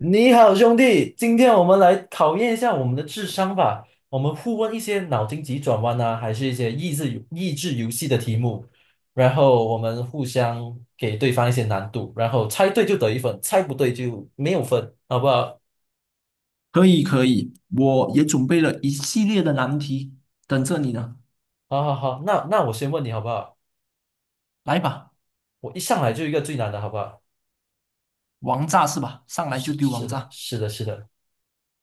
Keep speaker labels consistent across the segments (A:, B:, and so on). A: 你好，兄弟，今天我们来考验一下我们的智商吧。我们互问一些脑筋急转弯啊，还是一些益智游戏的题目，然后我们互相给对方一些难度，然后猜对就得一分，猜不对就没有分，好不好？
B: 可以可以，我也准备了一系列的难题，等着你呢。
A: 好好好，那我先问你好不好？
B: 来吧，
A: 我一上来就一个最难的，好不好？
B: 王炸是吧？上来就
A: 是
B: 丢王
A: 是的，
B: 炸。
A: 是的，是的。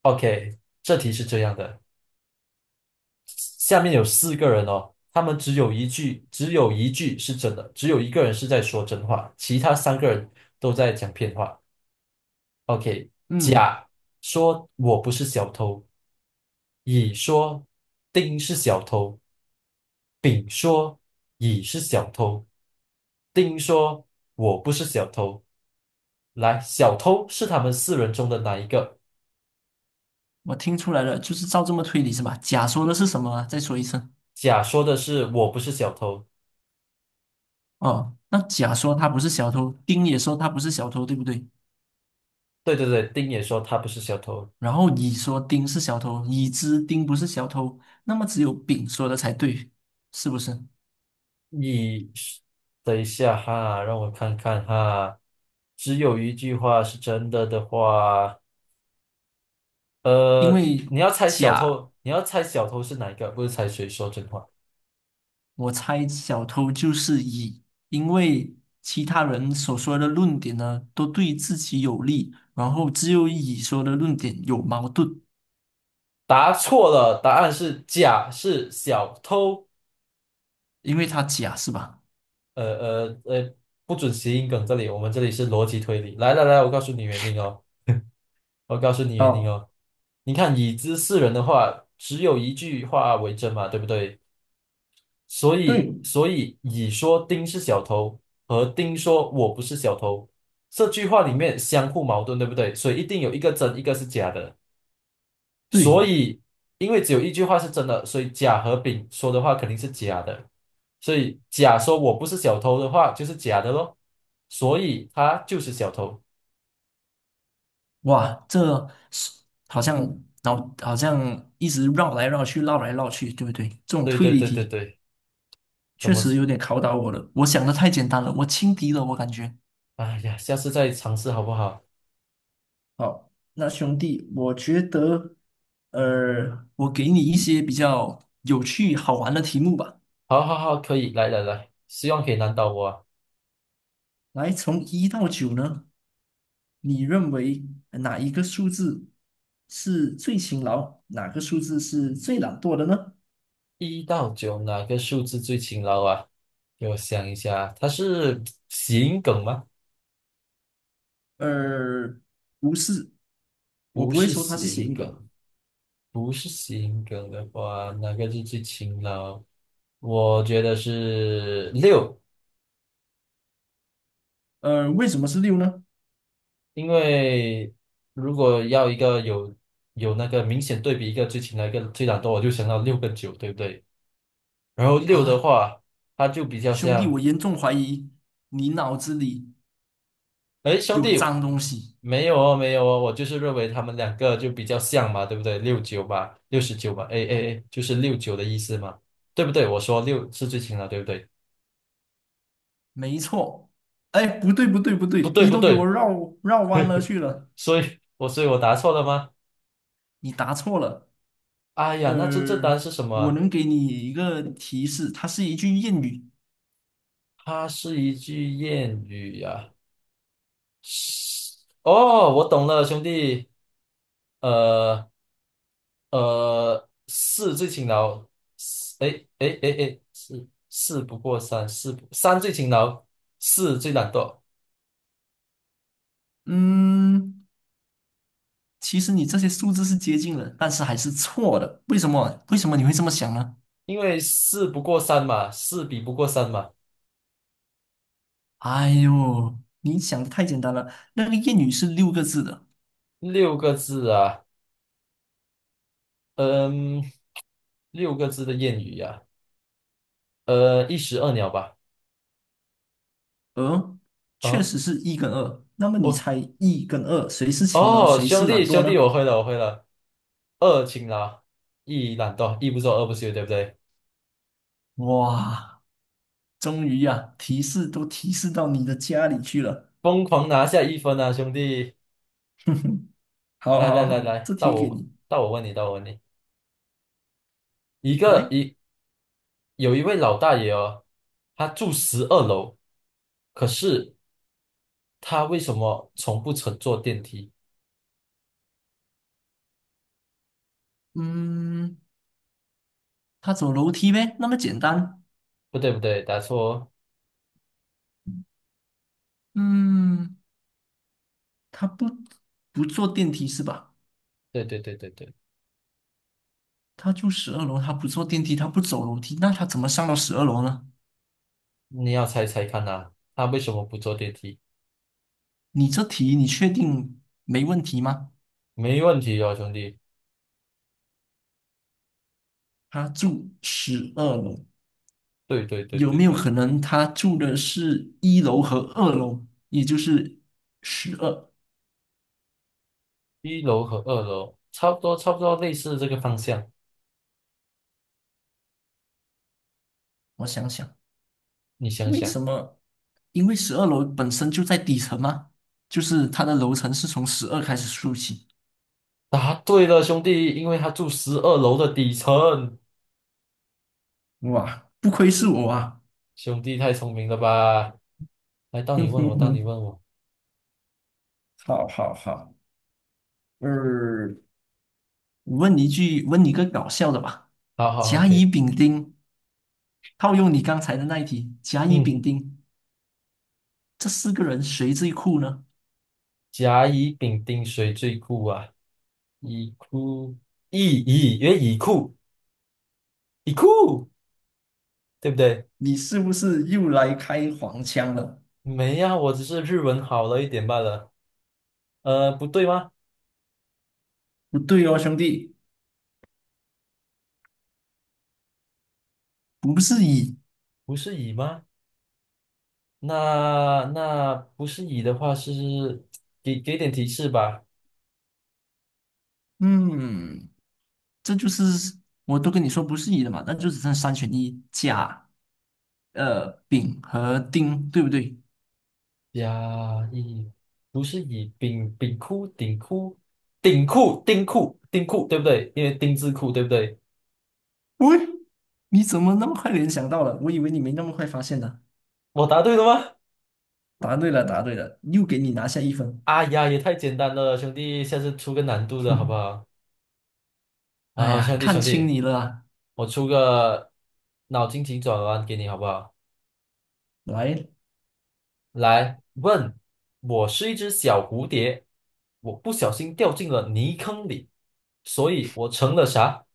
A: OK，这题是这样的。下面有四个人哦，他们只有一句，只有一句是真的，只有一个人是在说真话，其他三个人都在讲骗话。OK，
B: 嗯，
A: 甲说我不是小偷，乙说丁是小偷，丙说乙是小偷，丁说我不是小偷。来，小偷是他们四人中的哪一个？
B: 我听出来了，就是照这么推理是吧？甲说的是什么啊？再说一次。
A: 甲说的是我不是小偷，
B: 哦，那甲说他不是小偷，丁也说他不是小偷，对不对？
A: 对对对，丁也说他不是小偷。
B: 然后乙说丁是小偷，乙知丁不是小偷，那么只有丙说的才对，是不是？
A: 你等一下哈，让我看看哈。只有一句话是真的的话，
B: 因为
A: 你要猜小
B: 甲
A: 偷，你要猜小偷是哪一个，不是猜谁说真话。
B: 我猜小偷就是乙，因为其他人所说的论点呢，都对自己有利，然后只有乙说的论点有矛盾，
A: 答错了，答案是甲，是小偷。
B: 因为他甲是吧？
A: 呃呃呃，不准谐音梗，这里是逻辑推理。来来来，我告诉你原因哦，我告诉你原因
B: 好，
A: 哦。你看，已知四人的话，只有一句话为真嘛，对不对？所以，
B: 对，
A: 所以乙说丁是小偷，和丁说我不是小偷，这句话里面相互矛盾，对不对？所以一定有一个真，一个是假的。所
B: 对，
A: 以，因为只有一句话是真的，所以甲和丙说的话肯定是假的。所以甲说我不是小偷的话就是假的咯，所以他就是小偷。
B: 哇，这是好像脑好像一直绕来绕去，绕来绕去，对不对？这种
A: 对
B: 推
A: 对
B: 理
A: 对对
B: 题
A: 对，怎
B: 确
A: 么？
B: 实有点考倒我了，我想的太简单了，我轻敌了，我感觉。
A: 哎呀，下次再尝试好不好？
B: 好，那兄弟，我觉得，我给你一些比较有趣好玩的题目吧。
A: 好好好，可以，来来来，希望可以难倒我啊。
B: 来，从一到九呢，你认为哪一个数字是最勤劳，哪个数字是最懒惰的呢？
A: 1到9哪个数字最勤劳啊？给我想一下，它是谐音梗吗？
B: 呃，不是，我
A: 不
B: 不会
A: 是
B: 说它是
A: 谐
B: 谐
A: 音
B: 音
A: 梗，
B: 梗。
A: 不是谐音梗的话，哪个是最勤劳？我觉得是六，
B: 为什么是六呢？
A: 因为如果要一个有那个明显对比，一个最勤劳，一个最懒惰，我就想到六个九，对不对？然后六的
B: 啊，
A: 话，它就比较
B: 兄弟，我
A: 像。
B: 严重怀疑你脑子里
A: 哎，兄
B: 有
A: 弟，
B: 脏东西。
A: 没有哦，没有哦，我就是认为他们两个就比较像嘛，对不对？六九吧，六十九吧，哎哎哎，就是六九的意思嘛，对不对？我说六是最轻的，对不对？
B: 没错。哎，不对，不对，不
A: 不
B: 对，
A: 对
B: 你
A: 不
B: 都给我
A: 对，
B: 绕弯了去了，
A: 所以我答错了吗？
B: 你答错了。
A: 哎呀，那真正答
B: 呃，
A: 案是什么
B: 我
A: 啊？
B: 能给你一个提示，它是一句谚语。
A: 它是一句谚语呀，是哦，我懂了，兄弟，呃，四最勤劳，四哎哎哎哎，四不过三，四不三最勤劳，四最懒惰，
B: 嗯，其实你这些数字是接近了，但是还是错的。为什么？为什么你会这么想呢？
A: 因为四不过三嘛，四比不过三嘛。
B: 哎呦，你想的太简单了。那个谚语是6个字的，
A: 六个字啊，嗯，六个字的谚语呀，一石二鸟吧。
B: 而确
A: 啊，
B: 实是一跟二。那么你
A: 我
B: 猜一跟二谁是勤劳，
A: 哦，
B: 谁
A: 兄
B: 是
A: 弟
B: 懒惰
A: 兄弟，我
B: 呢？
A: 会了我会了，二勤劳，一懒惰，一不做二不休，对不对？
B: 哇！终于呀，提示都提示到你的家里去了。
A: 疯狂拿下一分啊，兄弟，
B: 哼哼，好
A: 来来
B: 好
A: 来
B: 好，
A: 来，
B: 这
A: 到
B: 题给
A: 我
B: 你
A: 到我问你，到我问你。一个
B: 来。
A: 一有一位老大爷哦，他住十二楼，可是他为什么从不乘坐电梯？
B: 嗯，他走楼梯呗，那么简单。
A: 不对不对，答错哦，
B: 嗯，他不坐电梯是吧？
A: 对对对对对，
B: 他住十二楼，他不坐电梯，他不走楼梯，那他怎么上到十二楼呢？
A: 你要猜猜看呐，他为什么不坐电梯？
B: 你这题你确定没问题吗？
A: 没问题哦，兄弟，
B: 他住十二楼，
A: 对对对
B: 有
A: 对
B: 没有
A: 对，
B: 可能他住的是一楼和二楼，也就是十二？
A: 一楼和二楼差不多，差不多类似这个方向，
B: 我想想，
A: 你想
B: 为
A: 想，
B: 什么？因为十二楼本身就在底层嘛，就是它的楼层是从十二开始数起。
A: 答对了，兄弟，因为他住十二楼的底层，
B: 哇，不愧是我啊！
A: 兄弟太聪明了吧？来，到
B: 哼
A: 你问我，
B: 哼
A: 到你
B: 哼，
A: 问我，
B: 好好好，呃，问你一句，问你个搞笑的吧。
A: 好好
B: 甲乙
A: ，OK。
B: 丙丁，套用你刚才的那一题，甲乙
A: 嗯，
B: 丙丁这四个人谁最酷呢？
A: 甲乙丙丁谁最酷啊？乙酷乙乙，因为乙酷乙酷，对不对？
B: 你是不是又来开黄腔了？
A: 没呀，我只是日文好了一点罢了。不对吗？
B: 不对哦，兄弟。不是乙，
A: 不是乙吗？那不是乙的话是给点提示吧。
B: 嗯，这就是我都跟你说不是一了嘛，那就只剩三选一，甲、丙和丁，对不对？
A: 甲乙不是乙，丙酷丁酷丁酷丁酷丁酷，对不对？因为丁字裤，对不对？
B: 喂，你怎么那么快联想到了？我以为你没那么快发现呢。
A: 我答对了吗？
B: 答对了，答对了，又给你拿下一分。
A: 哎呀，也太简单了，兄弟，下次出个难度的好不 好？
B: 哎
A: 啊，
B: 呀，
A: 兄弟
B: 看
A: 兄
B: 清
A: 弟，
B: 你了啊
A: 我出个脑筋急转弯给你好不好？
B: 来，
A: 来问，我是一只小蝴蝶，我不小心掉进了泥坑里，所以我成了啥？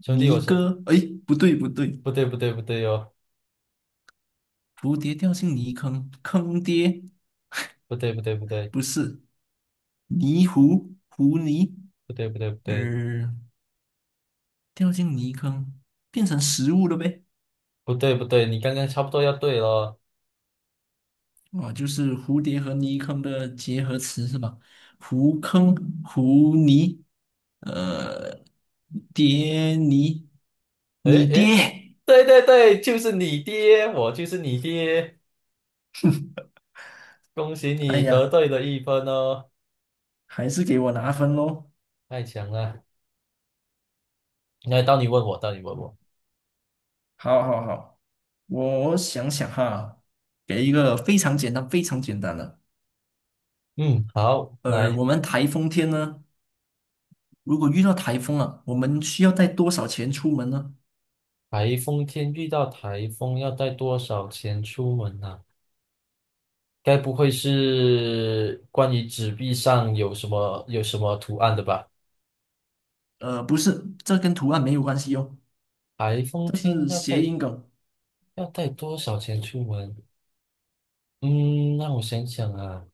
A: 兄弟，
B: 泥哥，哎，不对不对，
A: 不对不对不对哟，
B: 蝴蝶掉进泥坑，坑爹，
A: 不对不对不对
B: 不是泥糊，糊泥，
A: 不对不对不对
B: 呃，掉进泥坑，变成食物了呗。
A: 不对不对，你刚刚差不多要对了。
B: 哦，就是蝴蝶和泥坑的结合词是吧？湖坑、湖泥，呃，蝶泥，
A: 诶
B: 你爹！
A: 诶，对对对，就是你爹，我就是你爹，恭喜
B: 哎
A: 你得
B: 呀，
A: 对了一分哦，
B: 还是给我拿分喽！
A: 太强了。来，到你问我，到你问我。
B: 好好好，我想想哈，给一个非常简单、非常简单的。
A: 嗯，好，来。
B: 我们台风天呢，如果遇到台风了，我们需要带多少钱出门呢？
A: 台风天遇到台风要带多少钱出门呢，该不会是关于纸币上有什么图案的吧？
B: 不是，这跟图案没有关系哦，
A: 台风
B: 这
A: 天
B: 是
A: 要
B: 谐
A: 带
B: 音梗，
A: 要带多少钱出门？嗯，让我想想啊，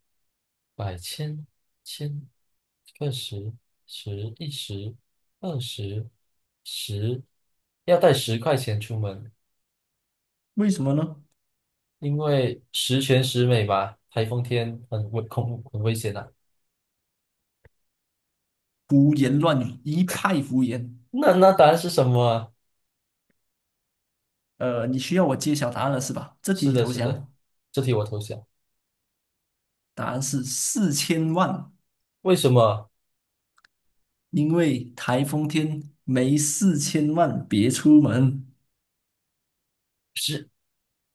A: 百千千个十十一十二十十，要带10块钱出门，
B: 为什么呢？
A: 因为十全十美吧。台风天很危险啊。
B: 胡言乱语，一派胡言。
A: 那答案是什么啊？
B: 你需要我揭晓答案了是吧？这题
A: 是
B: 你
A: 的，
B: 投
A: 是的，
B: 降，
A: 这题我投降。
B: 答案是四千万，
A: 为什么
B: 因为台风天没四千万别出门。
A: 是？